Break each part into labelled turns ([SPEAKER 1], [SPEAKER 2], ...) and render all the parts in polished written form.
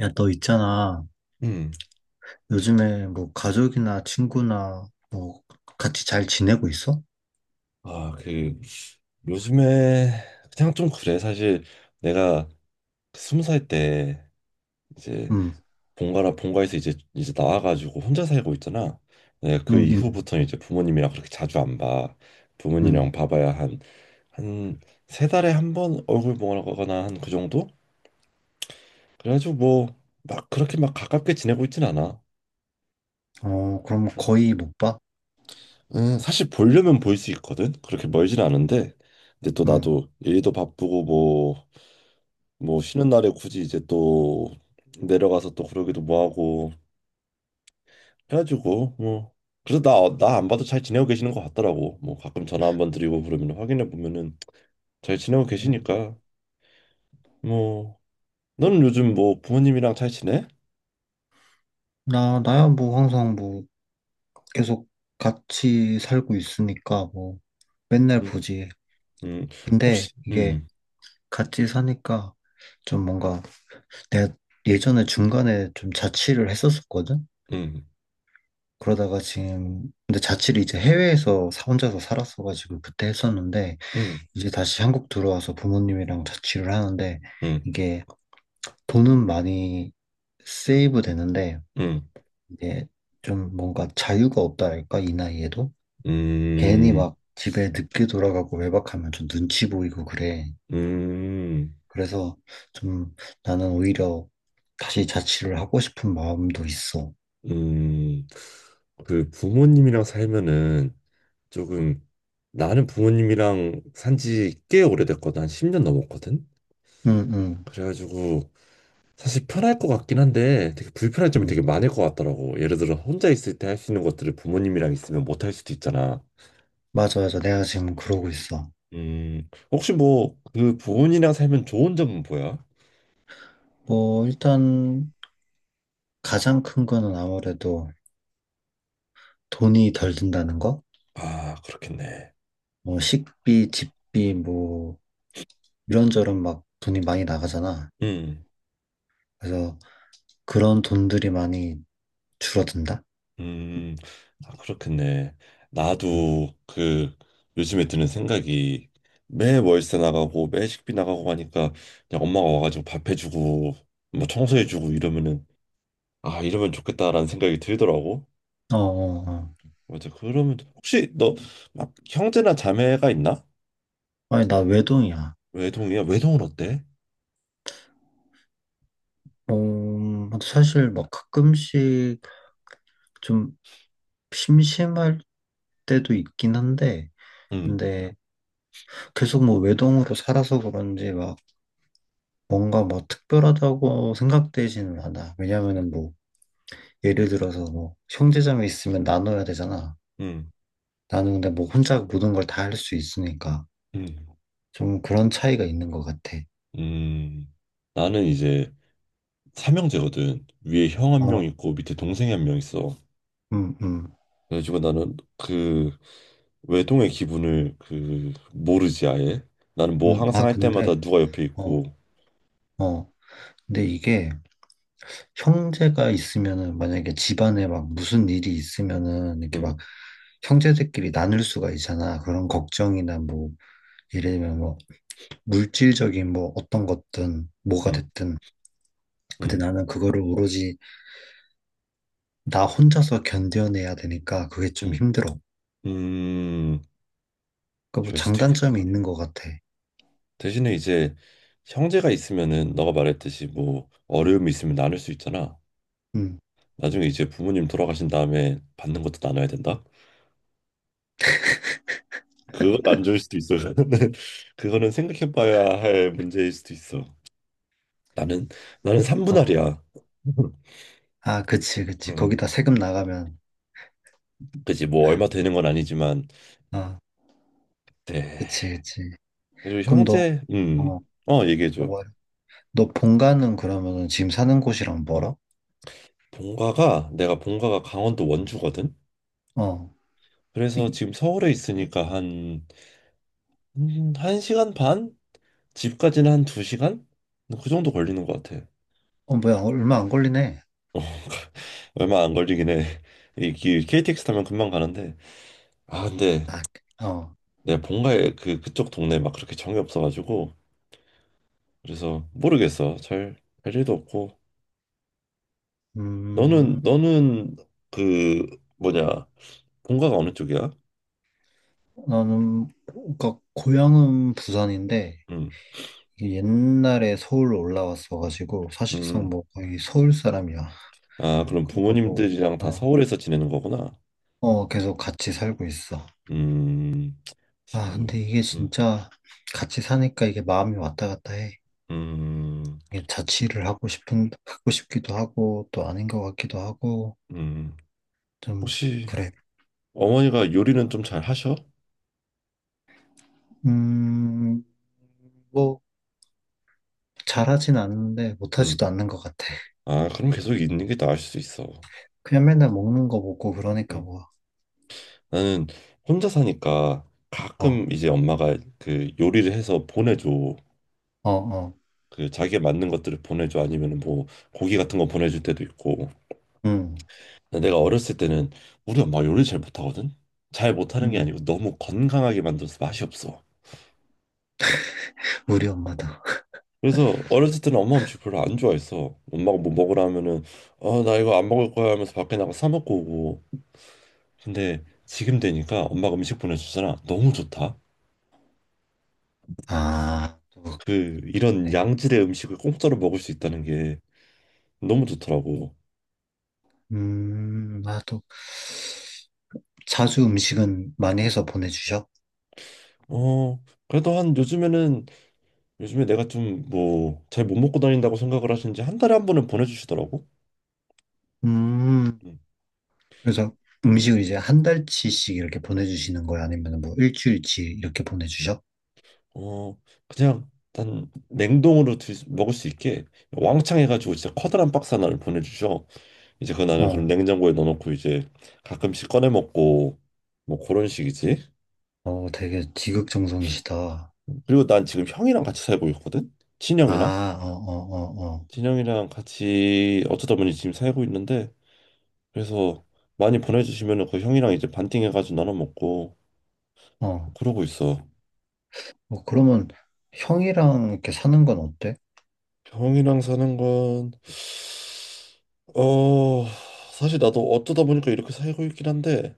[SPEAKER 1] 야, 너 있잖아.
[SPEAKER 2] 음.
[SPEAKER 1] 요즘에 뭐 가족이나 친구나 뭐 같이 잘 지내고 있어?
[SPEAKER 2] 아, 그 요즘에 그냥 좀 그래. 사실 내가 그 20살 때 이제
[SPEAKER 1] 응,
[SPEAKER 2] 본가라 본가에서 이제 나와가지고 혼자 살고 있잖아. 내가 그
[SPEAKER 1] 응, 응,
[SPEAKER 2] 이후부터는 이제 부모님이랑 그렇게 자주 안 봐. 부모님이랑
[SPEAKER 1] 응.
[SPEAKER 2] 봐봐야 한 세 달에 한 번 얼굴 보거나 한 그 정도? 그래가지고 뭐 막 그렇게 막 가깝게 지내고 있진 않아.
[SPEAKER 1] 어, 그럼
[SPEAKER 2] 음,
[SPEAKER 1] 거의 못 봐?
[SPEAKER 2] 사실 보려면 볼 수 있거든. 그렇게 멀진 않은데. 근데 또
[SPEAKER 1] 응.
[SPEAKER 2] 나도 일도 바쁘고 뭐 쉬는 날에 굳이 이제 또 내려가서 또 그러기도 뭐하고 해가지고 뭐. 그래서 나 안 봐도 잘 지내고 계시는 것 같더라고. 뭐 가끔 전화 한번 드리고 그러면 확인해 보면은 잘 지내고
[SPEAKER 1] 어,
[SPEAKER 2] 계시니까 뭐. 너는 요즘 뭐 부모님이랑 잘 지내?
[SPEAKER 1] 나야 뭐 항상 뭐 계속 같이 살고 있으니까 뭐 맨날
[SPEAKER 2] 음,
[SPEAKER 1] 보지.
[SPEAKER 2] 음
[SPEAKER 1] 근데
[SPEAKER 2] 혹시
[SPEAKER 1] 이게 같이 사니까 좀 뭔가 내가 예전에 중간에 좀 자취를 했었었거든?
[SPEAKER 2] 음
[SPEAKER 1] 그러다가 지금, 근데 자취를 이제 해외에서 혼자서 살았어가지고 그때 했었는데
[SPEAKER 2] 음
[SPEAKER 1] 이제 다시 한국 들어와서 부모님이랑 자취를 하는데
[SPEAKER 2] 음
[SPEAKER 1] 이게 돈은 많이 세이브 되는데
[SPEAKER 2] 음
[SPEAKER 1] 이제 좀 뭔가 자유가 없다랄까 이 나이에도 괜히
[SPEAKER 2] 음
[SPEAKER 1] 막 집에 늦게 돌아가고 외박하면 좀 눈치 보이고 그래.
[SPEAKER 2] 음
[SPEAKER 1] 그래서 좀 나는 오히려 다시 자취를 하고 싶은 마음도 있어.
[SPEAKER 2] 음 그 부모님이랑 살면은 조금 나는 부모님이랑 산지 꽤 오래됐거든. 한 10년 넘었거든.
[SPEAKER 1] 응, 응,
[SPEAKER 2] 그래가지고 사실 편할 것 같긴 한데 되게 불편한 점이
[SPEAKER 1] 응.
[SPEAKER 2] 되게 많을 것 같더라고. 예를 들어 혼자 있을 때 할 수 있는 것들을 부모님이랑 있으면 못 할 수도 있잖아.
[SPEAKER 1] 맞아, 맞아. 내가 지금 그러고 있어.
[SPEAKER 2] 혹시 뭐 그 부모님이랑 살면 좋은 점은 뭐야?
[SPEAKER 1] 뭐 일단 가장 큰 거는 아무래도 돈이 덜 든다는 거?
[SPEAKER 2] 아, 그렇겠네.
[SPEAKER 1] 뭐 식비, 집비, 뭐 이런저런 막 돈이 많이 나가잖아.
[SPEAKER 2] 음.
[SPEAKER 1] 그래서 그런 돈들이 많이 줄어든다.
[SPEAKER 2] 음, 아, 그렇겠네.
[SPEAKER 1] 음.
[SPEAKER 2] 나도 그 요즘에 드는 생각이 매 월세 나가고 매 식비 나가고 하니까 그냥 엄마가 와가지고 밥 해주고 뭐 청소해주고 이러면은 아 이러면 좋겠다라는 생각이 들더라고.
[SPEAKER 1] 어, 어, 어.
[SPEAKER 2] 맞아. 그러면 혹시 너 막 형제나 자매가 있나?
[SPEAKER 1] 아니 나 외동이야.
[SPEAKER 2] 외동이야? 외동은 어때?
[SPEAKER 1] 어, 사실 막 가끔씩 좀 심심할 때도 있긴 한데,
[SPEAKER 2] 음,
[SPEAKER 1] 근데 계속 뭐 외동으로 살아서 그런지 막 뭔가 뭐 특별하다고 생각되지는 않아. 왜냐면은 뭐 예를 들어서 뭐 형제자매 있으면 나눠야 되잖아.
[SPEAKER 2] 음,
[SPEAKER 1] 나는 근데 뭐 혼자 모든 걸 다 할 수 있으니까
[SPEAKER 2] 음,
[SPEAKER 1] 좀 그런 차이가 있는 것 같아.
[SPEAKER 2] 음. 나는 이제 삼형제거든. 위에 형 한
[SPEAKER 1] 어,
[SPEAKER 2] 명 있고 밑에 동생이 한 명 있어.
[SPEAKER 1] 음, 음,
[SPEAKER 2] 그래가지고 나는 그 외동의 기분을 그 모르지 아예. 나는 뭐 항상
[SPEAKER 1] 아,
[SPEAKER 2] 할 때마다
[SPEAKER 1] 근데,
[SPEAKER 2] 누가 옆에
[SPEAKER 1] 어,
[SPEAKER 2] 있고.
[SPEAKER 1] 어. 근데 이게 형제가 있으면은 만약에 집안에 막 무슨 일이 있으면은 이렇게
[SPEAKER 2] 음,
[SPEAKER 1] 막 형제들끼리 나눌 수가 있잖아. 그런 걱정이나 뭐 예를 들면 뭐 물질적인 뭐 어떤 것든 뭐가
[SPEAKER 2] 음,
[SPEAKER 1] 됐든. 근데
[SPEAKER 2] 음,
[SPEAKER 1] 나는 그거를 오로지 나 혼자서 견뎌내야 되니까 그게 좀
[SPEAKER 2] 음,
[SPEAKER 1] 힘들어.
[SPEAKER 2] 음,
[SPEAKER 1] 그러니까 뭐
[SPEAKER 2] 이럴 수도
[SPEAKER 1] 장단점이
[SPEAKER 2] 있겠다.
[SPEAKER 1] 있는 것 같아.
[SPEAKER 2] 대신에 이제 형제가 있으면은 너가 말했듯이 뭐 어려움이 있으면 나눌 수 있잖아.
[SPEAKER 1] 음.
[SPEAKER 2] 나중에 이제 부모님 돌아가신 다음에 받는 것도 나눠야 된다. 그건 안 좋을 수도 있어. 그거는 생각해봐야 할 문제일 수도 있어. 나는 나는 삼분할이
[SPEAKER 1] 어,
[SPEAKER 2] 야
[SPEAKER 1] 아, 그치, 그치.
[SPEAKER 2] 음,
[SPEAKER 1] 거기다 세금 나가면.
[SPEAKER 2] 그지 뭐 얼마 되는 건 아니지만,
[SPEAKER 1] 아,
[SPEAKER 2] 네.
[SPEAKER 1] 그치, 그치.
[SPEAKER 2] 그리고
[SPEAKER 1] 그럼
[SPEAKER 2] 형제,
[SPEAKER 1] 어,
[SPEAKER 2] 어, 얘기해줘.
[SPEAKER 1] 뭐 너 본가는 그러면은 지금 사는 곳이랑 멀어?
[SPEAKER 2] 내가 본가가 강원도 원주거든?
[SPEAKER 1] 어,
[SPEAKER 2] 그래서 지금 서울에 있으니까 1시간 반? 집까지는 한 2시간? 그 정도 걸리는 것 같아.
[SPEAKER 1] 어, 뭐야. 얼마 안 걸리네.
[SPEAKER 2] 어, 얼마 안 걸리긴 해. 이 KTX 타면 금방 가는데. 아, 근데
[SPEAKER 1] 아, 어,
[SPEAKER 2] 내 본가에 그쪽 동네 막 그렇게 정이 없어가지고. 그래서 모르겠어. 잘, 할 일도 없고.
[SPEAKER 1] 음,
[SPEAKER 2] 너는 그, 뭐냐, 본가가 어느 쪽이야?
[SPEAKER 1] 나는, 그니까, 고향은 부산인데,
[SPEAKER 2] 음.
[SPEAKER 1] 이게 옛날에 서울로 올라왔어가지고, 사실상
[SPEAKER 2] 음.
[SPEAKER 1] 뭐 거의 서울 사람이야.
[SPEAKER 2] 아, 그럼
[SPEAKER 1] 그리고 뭐,
[SPEAKER 2] 부모님들이랑 다
[SPEAKER 1] 어,
[SPEAKER 2] 서울에서 지내는 거구나.
[SPEAKER 1] 계속 같이 살고 있어.
[SPEAKER 2] 음,
[SPEAKER 1] 아,
[SPEAKER 2] 서울.
[SPEAKER 1] 근데 이게
[SPEAKER 2] 음,
[SPEAKER 1] 진짜 같이 사니까 이게 마음이 왔다 갔다 해.
[SPEAKER 2] 음,
[SPEAKER 1] 이게 자취를 하고 싶은, 하고 싶기도 하고, 또 아닌 것 같기도 하고,
[SPEAKER 2] 음.
[SPEAKER 1] 좀,
[SPEAKER 2] 혹시
[SPEAKER 1] 그래.
[SPEAKER 2] 어머니가 요리는 좀 잘 하셔?
[SPEAKER 1] 음, 뭐, 잘하진 않는데,
[SPEAKER 2] 음.
[SPEAKER 1] 못하지도 않는 것 같아.
[SPEAKER 2] 아, 그럼 계속 있는 게 나을 수 있어.
[SPEAKER 1] 그냥 맨날 먹는 거 먹고, 그러니까
[SPEAKER 2] 음.
[SPEAKER 1] 뭐,
[SPEAKER 2] 나는 혼자 사니까
[SPEAKER 1] 어,
[SPEAKER 2] 가끔 이제 엄마가 그 요리를 해서 보내줘.
[SPEAKER 1] 어, 어,
[SPEAKER 2] 그 자기가 만든 것들을 보내줘. 아니면은 뭐 고기 같은 거 보내줄 때도 있고.
[SPEAKER 1] 음,
[SPEAKER 2] 근데 내가 어렸을 때는 우리 엄마 요리 잘 못하거든. 잘 못하는 게
[SPEAKER 1] 음,
[SPEAKER 2] 아니고 너무 건강하게 만들어서 맛이 없어.
[SPEAKER 1] 우리 엄마도.
[SPEAKER 2] 그래서 어렸을 때는 엄마 음식 별로 안 좋아했어. 엄마가 뭐 먹으라 하면은 어 나 이거 안 먹을 거야 하면서 밖에 나가 사 먹고 오고. 근데 지금 되니까 엄마가 음식 보내주잖아. 너무 좋다.
[SPEAKER 1] 아, 또,
[SPEAKER 2] 그 이런
[SPEAKER 1] 네.
[SPEAKER 2] 양질의 음식을 공짜로 먹을 수 있다는 게 너무 좋더라고.
[SPEAKER 1] 아, 또, 자주 음식은 많이 해서 보내주셔?
[SPEAKER 2] 어, 그래도 한 요즘에는 요즘에 내가 좀 뭐 잘 못 먹고 다닌다고 생각을 하시는지 한 달에 한 번은 보내주시더라고.
[SPEAKER 1] 음,
[SPEAKER 2] 음.
[SPEAKER 1] 그래서 음식을 이제 한 달치씩 이렇게 보내주시는 거야? 아니면 뭐 일주일치 이렇게 보내주셔?
[SPEAKER 2] 어, 그냥 난 냉동으로 먹을 수 있게 왕창 해가지고 진짜 커다란 박스 하나를 보내주셔. 이제 그 나는 그럼
[SPEAKER 1] 어,
[SPEAKER 2] 냉장고에 넣어놓고 이제 가끔씩 꺼내 먹고 뭐 그런 식이지.
[SPEAKER 1] 어, 되게 지극정성이시다.
[SPEAKER 2] 그리고 난 지금 형이랑 같이 살고 있거든. 친형이랑.
[SPEAKER 1] 아, 어, 어, 어,
[SPEAKER 2] 같이 어쩌다 보니 지금 살고 있는데 그래서 많이 보내주시면은 그 형이랑 이제 반띵해가지고 나눠 먹고
[SPEAKER 1] 어, 어.
[SPEAKER 2] 그러고 있어.
[SPEAKER 1] 어, 그러면 형이랑 이렇게 사는 건 어때?
[SPEAKER 2] 형이랑 사는 건 어, 사실 나도 어쩌다 보니까 이렇게 살고 있긴 한데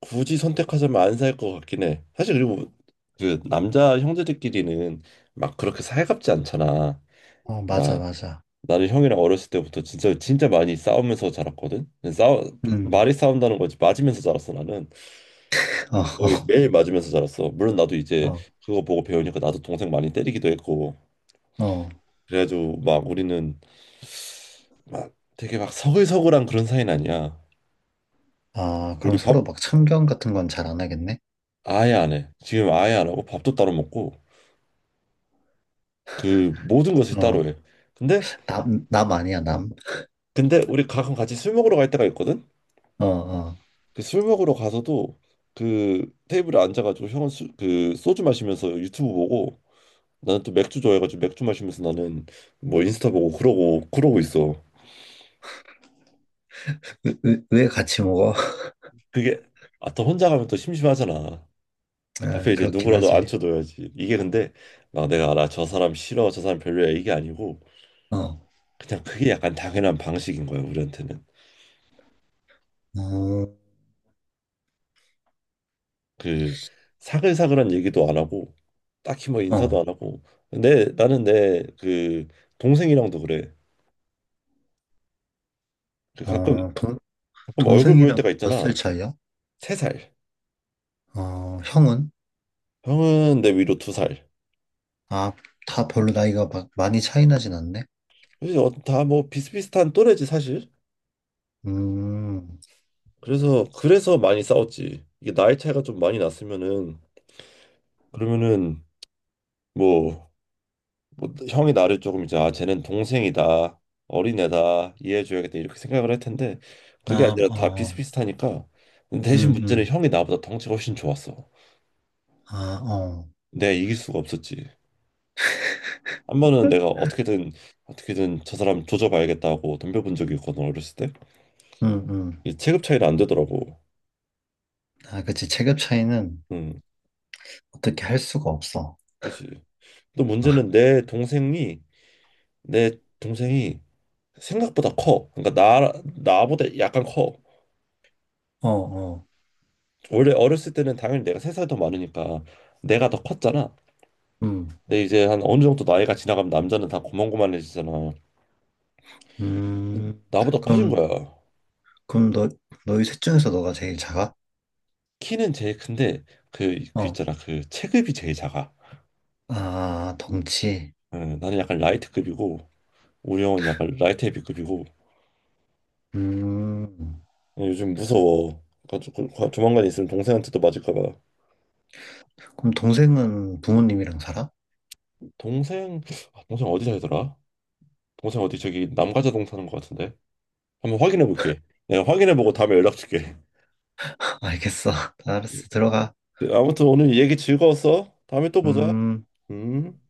[SPEAKER 2] 굳이 선택하자면 안 살 것 같긴 해. 사실 그리고 그 남자 형제들끼리는 막 그렇게 살갑지 않잖아.
[SPEAKER 1] 어, 맞아,
[SPEAKER 2] 막
[SPEAKER 1] 맞아.
[SPEAKER 2] 나는 형이랑 어렸을 때부터 진짜 진짜 많이 싸우면서 자랐거든. 싸우
[SPEAKER 1] 음,
[SPEAKER 2] 말이 싸운다는 거지 맞으면서 자랐어 나는. 거의 매일 맞으면서 자랐어. 물론 나도
[SPEAKER 1] 어,
[SPEAKER 2] 이제
[SPEAKER 1] 어,
[SPEAKER 2] 그거 보고 배우니까 나도 동생 많이 때리기도 했고.
[SPEAKER 1] 어. 어.
[SPEAKER 2] 그래가지고 막 우리는 막 되게 막 서글서글한 그런 사이는 아니야.
[SPEAKER 1] 아, 그럼
[SPEAKER 2] 우리 밥
[SPEAKER 1] 서로 막 참견 같은 건 잘 안 하겠네?
[SPEAKER 2] 아예 안 해. 지금 아예 안 하고 밥도 따로 먹고 그 모든 것을 따로
[SPEAKER 1] 어,
[SPEAKER 2] 해. 근데
[SPEAKER 1] 남 아니야, 남.
[SPEAKER 2] 우리 가끔 같이 술 먹으러 갈 때가 있거든.
[SPEAKER 1] 어, 어.
[SPEAKER 2] 그 술 먹으러 가서도 그 테이블에 앉아가지고 형은 그 소주 마시면서 유튜브 보고 나는 또 맥주 좋아해가지고 맥주 마시면서 나는 뭐 인스타 보고 그러고 그러고 있어.
[SPEAKER 1] 왜 같이 먹어?
[SPEAKER 2] 그게 아 또 혼자 가면 또 심심하잖아.
[SPEAKER 1] 아,
[SPEAKER 2] 앞에 이제
[SPEAKER 1] 그렇긴
[SPEAKER 2] 누구라도
[SPEAKER 1] 하지.
[SPEAKER 2] 앉혀둬야지. 이게 근데 막 내가 알아 저 사람 싫어 저 사람 별로야 이게 아니고
[SPEAKER 1] 어,
[SPEAKER 2] 그냥 그게 약간 당연한 방식인 거야 우리한테는.
[SPEAKER 1] 어,
[SPEAKER 2] 그 사글사글한 얘기도 안 하고 딱히 뭐 인사도
[SPEAKER 1] 어,
[SPEAKER 2] 안 하고 내 나는 내 그 동생이랑도 그래. 그 가끔
[SPEAKER 1] 어, 동,
[SPEAKER 2] 얼굴 보일
[SPEAKER 1] 동생이랑
[SPEAKER 2] 때가
[SPEAKER 1] 몇 살
[SPEAKER 2] 있잖아.
[SPEAKER 1] 차이야?
[SPEAKER 2] 세 살.
[SPEAKER 1] 어, 형은?
[SPEAKER 2] 형은 내 위로 2살.
[SPEAKER 1] 아, 다 별로 나이가 막 많이 차이 나진 않네?
[SPEAKER 2] 그래서 다뭐 비슷비슷한 또래지 사실.
[SPEAKER 1] 음,
[SPEAKER 2] 그래서 많이 싸웠지. 이게 나이 차이가 좀 많이 났으면은 그러면은 뭐 뭐 형이 나를 조금 이제 아 쟤는 동생이다 어린애다 이해해줘야겠다 이렇게 생각을 할 텐데 그게
[SPEAKER 1] 아,
[SPEAKER 2] 아니라 다
[SPEAKER 1] 어,
[SPEAKER 2] 비슷비슷하니까. 근데 대신
[SPEAKER 1] 음,
[SPEAKER 2] 문제는
[SPEAKER 1] 음,
[SPEAKER 2] 형이 나보다 덩치가 훨씬 좋았어.
[SPEAKER 1] 아, 어,
[SPEAKER 2] 내가 이길 수가 없었지. 한 번은 내가 어떻게든 저 사람 조져봐야겠다고 덤벼본 적이 있거든 어렸을 때.
[SPEAKER 1] 음, 음.
[SPEAKER 2] 이 체급 차이는 안 되더라고
[SPEAKER 1] 아, 그치. 체급 차이는
[SPEAKER 2] 응
[SPEAKER 1] 어떻게 할 수가 없어.
[SPEAKER 2] 그지또
[SPEAKER 1] 아,
[SPEAKER 2] 문제는 내 동생이 내 동생이 생각보다 커. 그러니까 나 나보다 약간 커.
[SPEAKER 1] 어, 어,
[SPEAKER 2] 원래 어렸을 때는 당연히 내가 3살 더 많으니까 내가 더 컸잖아.
[SPEAKER 1] 음,
[SPEAKER 2] 근데 이제 한 어느 정도 나이가 지나가면 남자는 다 고만고만해지잖아.
[SPEAKER 1] 음.
[SPEAKER 2] 나보다 커진
[SPEAKER 1] 그럼,
[SPEAKER 2] 거야.
[SPEAKER 1] 그럼 너희 셋 중에서 너가 제일 작아?
[SPEAKER 2] 키는 제일 큰데 그
[SPEAKER 1] 어,
[SPEAKER 2] 있잖아 그 체급이 제일 작아.
[SPEAKER 1] 아, 덩치.
[SPEAKER 2] 어, 나는 약간 라이트급이고 우리 형은 약간 라이트 헤비급이고
[SPEAKER 1] 음,
[SPEAKER 2] 어, 요즘 무서워. 조만간 있으면 동생한테도 맞을까 봐.
[SPEAKER 1] 그럼 동생은 부모님이랑 살아?
[SPEAKER 2] 동생 아, 동생 어디 살더라? 동생 어디 저기 남가자동 사는 것 같은데. 한번 확인해 볼게. 내가 확인해 보고 다음에 연락 줄게.
[SPEAKER 1] 알겠어. 알았어. 들어가.
[SPEAKER 2] 아무튼 오늘 얘기 즐거웠어. 다음에 또 보자.
[SPEAKER 1] 음.
[SPEAKER 2] 음.